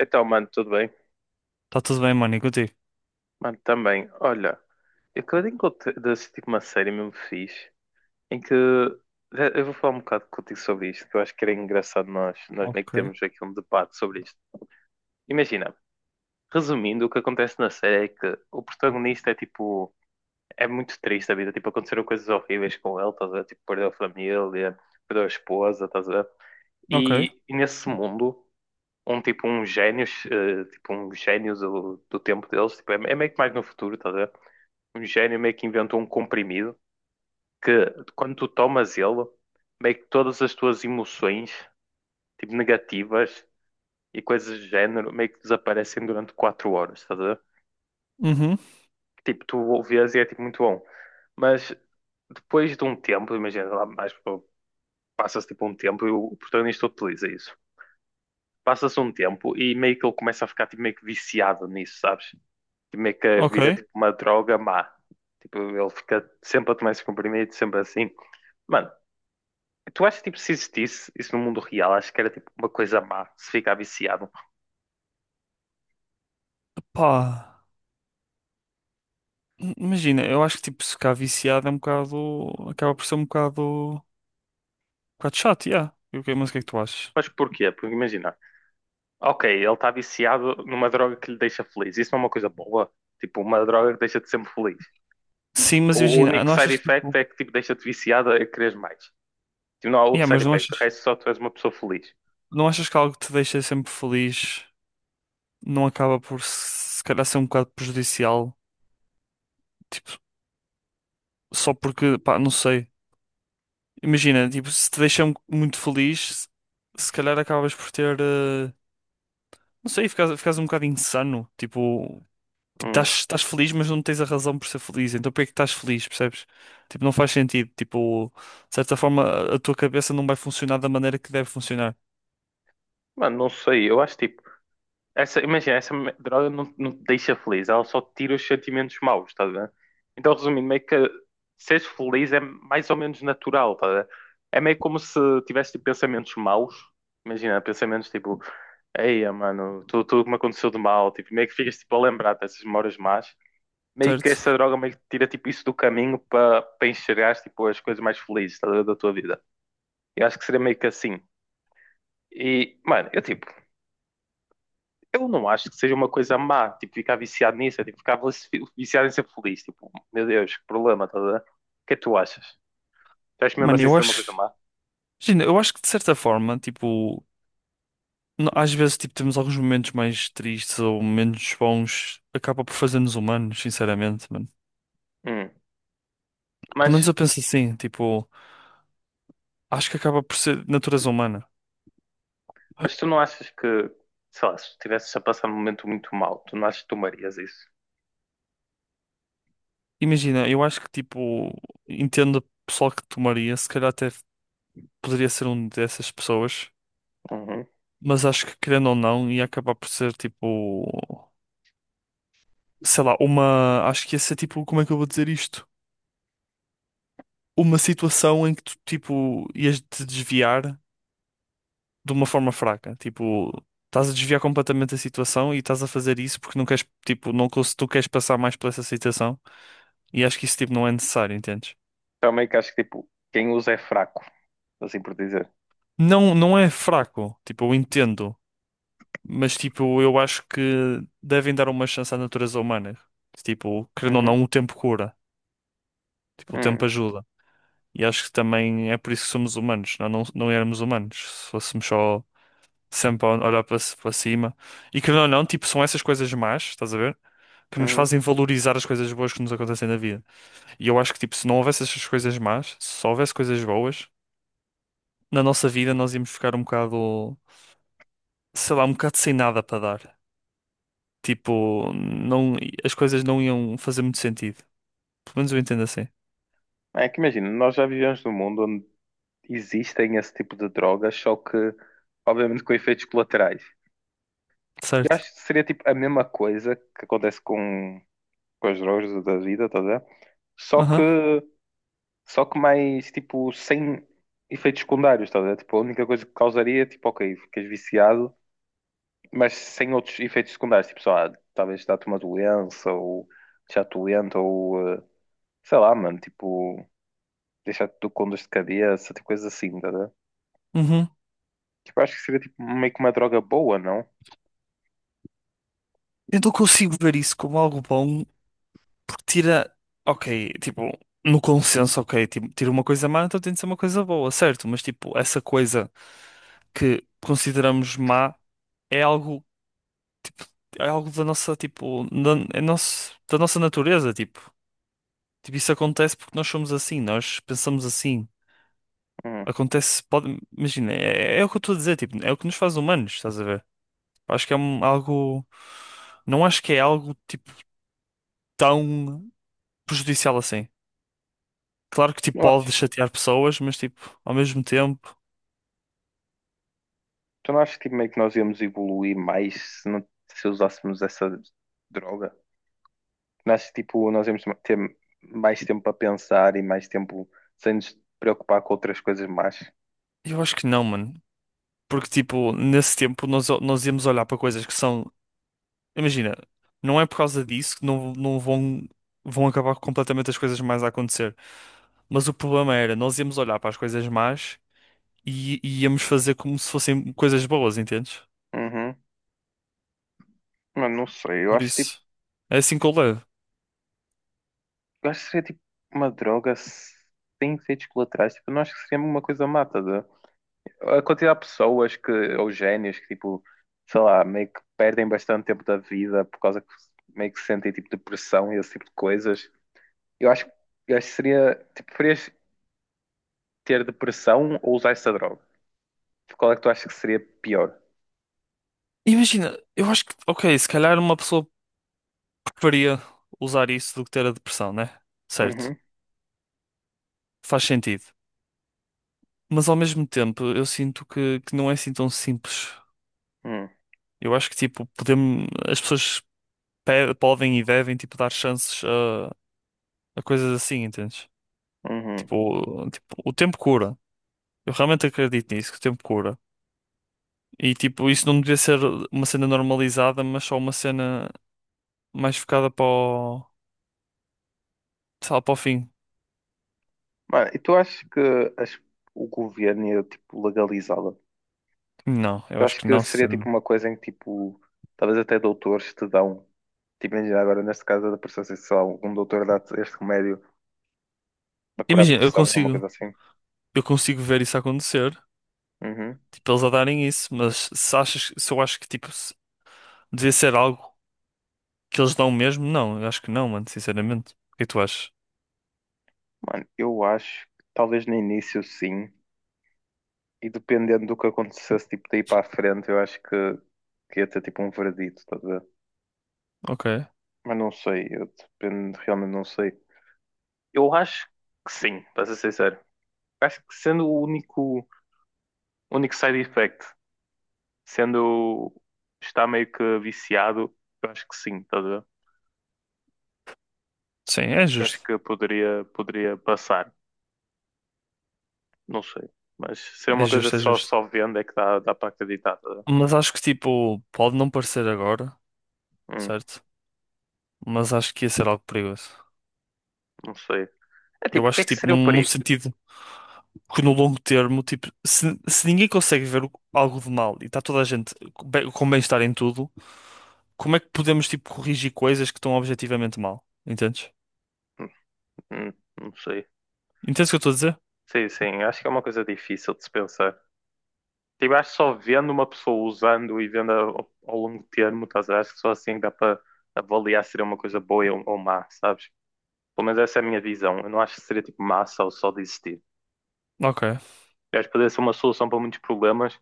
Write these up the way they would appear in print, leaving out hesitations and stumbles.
Então, mano, tudo bem? Está tudo bem, mano, e contigo? Mano, também. Olha, eu acabei de assistir tipo, uma série mesmo fixe, em que eu vou falar um bocado contigo sobre isto, que eu acho que era engraçado nós meio que Ok. temos aqui um debate sobre isto. Imagina, resumindo, o que acontece na série é que o protagonista é tipo, é muito triste a vida, tipo, aconteceram coisas horríveis com ele, estás a ver? Tipo, perdeu a família, perdeu a esposa, estás a ver? Ok. E nesse mundo. Um tipo um génios, tipo um génios do tempo deles, tipo, é meio que mais no futuro, estás a ver? Um gênio meio que inventou um comprimido que quando tu tomas ele, meio que todas as tuas emoções, tipo negativas e coisas do género, meio que desaparecem durante 4 horas, estás a ver? Uhum. Tipo, tu o vês e é tipo muito bom. Mas depois de um tempo, imagina lá mais, pô, passa-se tipo um tempo e o protagonista utiliza isso. Passa-se um tempo e meio que ele começa a ficar tipo, meio que viciado nisso, sabes? Que meio que Ok. vira tipo uma droga má. Tipo, ele fica sempre a tomar esses comprimidos, sempre assim. Mano, tu achas tipo se existisse isso no mundo real, acho que era tipo uma coisa má, se ficar viciado. Pá, imagina, eu acho que tipo, ficar viciado é um bocado. Acaba por ser um bocado. Um bocado chato, yeah. E o que- Mas o que é que tu achas? Mas porquê? Porque imagina, ok, ele está viciado numa droga que lhe deixa feliz. Isso não é uma coisa boa. Tipo, uma droga que deixa-te sempre feliz. Sim, mas O imagina, único não side achas que effect tipo. é que tipo, deixa-te viciado a querer mais. Tipo, não há Yeah, outro side mas não effect. O achas, resto só tu és uma pessoa feliz. não achas que algo que te deixa sempre feliz não acaba por se calhar ser um bocado prejudicial? Tipo, só porque, pá, não sei. Imagina, tipo, se te deixa mu- muito feliz, se calhar acabas por ter. Não sei, ficas um bocado insano. Tipo. Tipo, Hum. estás feliz, mas não tens a razão por ser feliz. Então, por que é que estás feliz, percebes? Tipo, não faz sentido. Tipo, de certa forma, a tua cabeça não vai funcionar da maneira que deve funcionar, Mano, não sei. Eu acho tipo. Essa, imagina, droga não, não te deixa feliz, ela só te tira os sentimentos maus, estás a ver? Então, resumindo, meio que seres feliz é mais ou menos natural, estás a ver? É meio como se tivesse tipo, pensamentos maus, imagina, pensamentos tipo, eia, mano, tudo que me aconteceu de mal, tipo, meio que ficas tipo, a lembrar dessas memórias más, meio que essa certo? droga meio que tira tipo, isso do caminho para enxergares tipo, as coisas mais felizes, estás a ver, da tua vida. Eu acho que seria meio que assim. E, mano, eu tipo. Eu não acho que seja uma coisa má, tipo, ficar viciado nisso, é, tipo, viciado em ser feliz, tipo, meu Deus, que problema, tá a ver? O que é que tu achas? Tu achas mesmo Mano, assim eu ser uma coisa acho. má? Imagina, eu acho que de certa forma, tipo, no- às vezes, tipo, temos alguns momentos mais tristes ou menos bons, acaba por fazer-nos humanos, sinceramente, mano. Hum. Pelo Mas, menos eu penso assim, tipo, acho que acaba por ser natureza humana. mas tu não achas que, sei lá, se estivesses a passar um momento muito mau, tu não achas que tomarias isso? Imagina, eu acho que, tipo, entendo o pessoal que tomaria, se calhar até poderia ser um dessas pessoas. Uhum. Mas acho que querendo ou não, ia acabar por ser tipo, sei lá, uma. Acho que ia ser tipo, como é que eu vou dizer isto? Uma situação em que tu, tipo, ias te desviar de uma forma fraca. Tipo, estás a desviar completamente a situação e estás a fazer isso porque não queres, tipo, não, cons- tu queres passar mais por essa situação e acho que isso, tipo, não é necessário, entendes? Também que acho que, tipo, quem usa é fraco, assim por dizer. Não, não é fraco, tipo, eu entendo, mas, tipo, eu acho que devem dar uma chance à natureza humana. Tipo, querendo ou Uhum. não, o tempo cura, tipo, o Uhum. tempo ajuda. E acho que também é por isso que somos humanos, não, não, não éramos humanos. Se fôssemos só sempre a olhar para, ci- para cima. E querendo ou não, tipo, são essas coisas más, estás a ver? Que nos Uhum. fazem valorizar as coisas boas que nos acontecem na vida. E eu acho que, tipo, se não houvesse essas coisas más, se só houvesse coisas boas, na nossa vida nós íamos ficar um bocado, sei lá, um bocado sem nada para dar. Tipo, não, as coisas não iam fazer muito sentido. Pelo menos eu entendo assim. É que imagina, nós já vivemos num mundo onde existem esse tipo de drogas, só que, obviamente, com efeitos colaterais. Eu Certo? acho que seria tipo a mesma coisa que acontece com as drogas da vida, estás a ver? Só que, Aham. só que mais tipo sem efeitos secundários, estás a ver? Tipo, a única coisa que causaria, é, tipo, ok, ficas viciado, mas sem outros efeitos secundários, tipo, só, ah, talvez dá-te uma doença ou deixar-te doente ou sei lá, mano, tipo, deixar-te com dor de cabeça, tipo, coisas assim, estás a ver? Uhum. Tipo, acho que seria tipo meio que uma droga boa, não? Eu não consigo ver isso como algo bom. Tira, ok, tipo, no consenso, ok, tipo, tira uma coisa má, então tem de ser uma coisa boa, certo? Mas tipo, essa coisa que consideramos má é algo, é algo da nossa, tipo, da, é nosso, da nossa natureza, tipo. Tipo, isso acontece porque nós somos assim, nós pensamos assim. Hum, Acontece, pode, imagina, é, é o que eu estou a dizer, tipo, é o que nos faz humanos, estás a ver? Acho que é um- algo, não acho que é algo, tipo, tão prejudicial assim. Claro que, tipo, eu acho. pode chatear pessoas, mas, tipo, ao mesmo tempo. Tu não achas que, tipo, meio que nós íamos evoluir mais se, não, se usássemos essa droga? Não achas que tipo, nós íamos ter mais tempo para pensar e mais tempo sem nos preocupar com outras coisas mais? Eu acho que não, mano. Porque, tipo, nesse tempo nós íamos olhar para coisas que são. Imagina, não é por causa disso que não, não vão, vão acabar completamente as coisas mais a acontecer. Mas o problema era, nós íamos olhar para as coisas más e íamos fazer como se fossem coisas boas, entendes? Uhum. Mano, não sei. Eu Por acho tipo, isso, é assim que eu levo. eu acho que seria tipo uma droga sem efeitos colaterais. Tipo, eu não acho que seria uma coisa mata. A ver? A quantidade de pessoas que, ou génios que tipo, sei lá, meio que perdem bastante tempo da vida por causa que meio que sentem tipo depressão e esse tipo de coisas. Eu acho, eu acho que seria. Tipo, preferias ter depressão ou usar essa droga? Qual é que tu achas que seria pior? Imagina, eu acho que, ok, se calhar uma pessoa preferia usar isso do que ter a depressão, né? Certo. Uhum, Faz sentido. Mas ao mesmo tempo, eu sinto que não é assim tão simples. uhum, Eu acho que, tipo, podemos, as pessoas pe- podem e devem, tipo, dar chances a coisas assim, entendes? uhum. Tipo, o- tipo, o tempo cura. Eu realmente acredito nisso, que o tempo cura. E, tipo, isso não devia ser uma cena normalizada, mas só uma cena mais focada para o, sei lá, para o fim. Mano, e tu achas que as- o governo ia, tipo, legalizá-la? Não, eu Eu acho acho que que não, seria, tipo, sinceramente. uma coisa em que, tipo, talvez até doutores te dão. Tipo, imagina agora, neste caso da depressão, sei lá, um doutor dá-te este remédio para curar a Imagina, eu depressão, uma consigo, coisa assim. eu consigo ver isso acontecer, Uhum. tipo, eles a darem isso, mas se achas, se eu acho que, tipo, se- devia ser algo. Que eles dão mesmo? Não, eu acho que não, mano, sinceramente. O que é que tu achas? Mano, eu acho que talvez no início sim, e dependendo do que acontecesse, tipo, daí para a frente, eu acho que ia ter tipo um verdito, estás a ver? Ok. Mas não sei, eu dependo, realmente não sei. Eu acho que sim, para ser sincero. Acho que sendo único side effect, sendo está meio que viciado, eu acho que sim, estás a ver? Sim, é Eu justo. acho que poderia passar, não sei. Mas se é É uma coisa que justo, é justo. só vendo é que dá para acreditar, estás a ver? Mas acho que, tipo, pode não parecer agora, Hum, certo? Mas acho que ia ser algo perigoso. não sei. É Eu tipo, o acho que é que que, tipo, seria o num, num perigo? sentido que no longo termo, tipo, se ninguém consegue ver algo de mal e está toda a gente com bem- com bem-estar em tudo, como é que podemos, tipo, corrigir coisas que estão objetivamente mal? Entendes? Hum, hum, não sei. Entendes o que eu estou a dizer? Sim, sim, acho que é uma coisa difícil de se pensar. Tipo, acho que só vendo uma pessoa usando e vendo ao longo do termo, estás a ver? Acho que só assim dá para avaliar se seria uma coisa boa ou má, sabes? Pelo menos essa é a minha visão. Eu não acho que seria tipo massa ou só de existir. Ok. Eu acho que poderia ser uma solução para muitos problemas,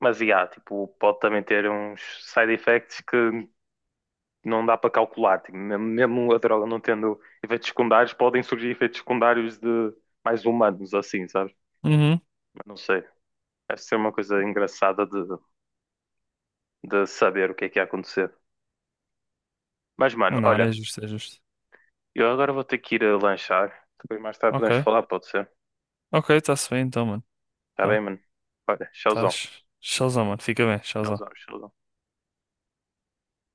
mas e há, tipo, pode também ter uns side effects que não dá para calcular. Tipo, mesmo a droga não tendo efeitos secundários, podem surgir efeitos secundários de mais humanos, assim, sabes? Uhum. Mas não sei. Deve ser uma coisa engraçada de saber o que é que ia acontecer. Mas, mano, Não, é olha, justo, é justo. eu agora vou ter que ir a lanchar. Depois mais tarde Ok. podemos falar, pode ser? Ok, está-se bem então, mano. Tá bem, Tá. mano? Olha, tchauzão, Estás? Showzão, mano. Fica bem, showzão. tchauzão, tchauzão.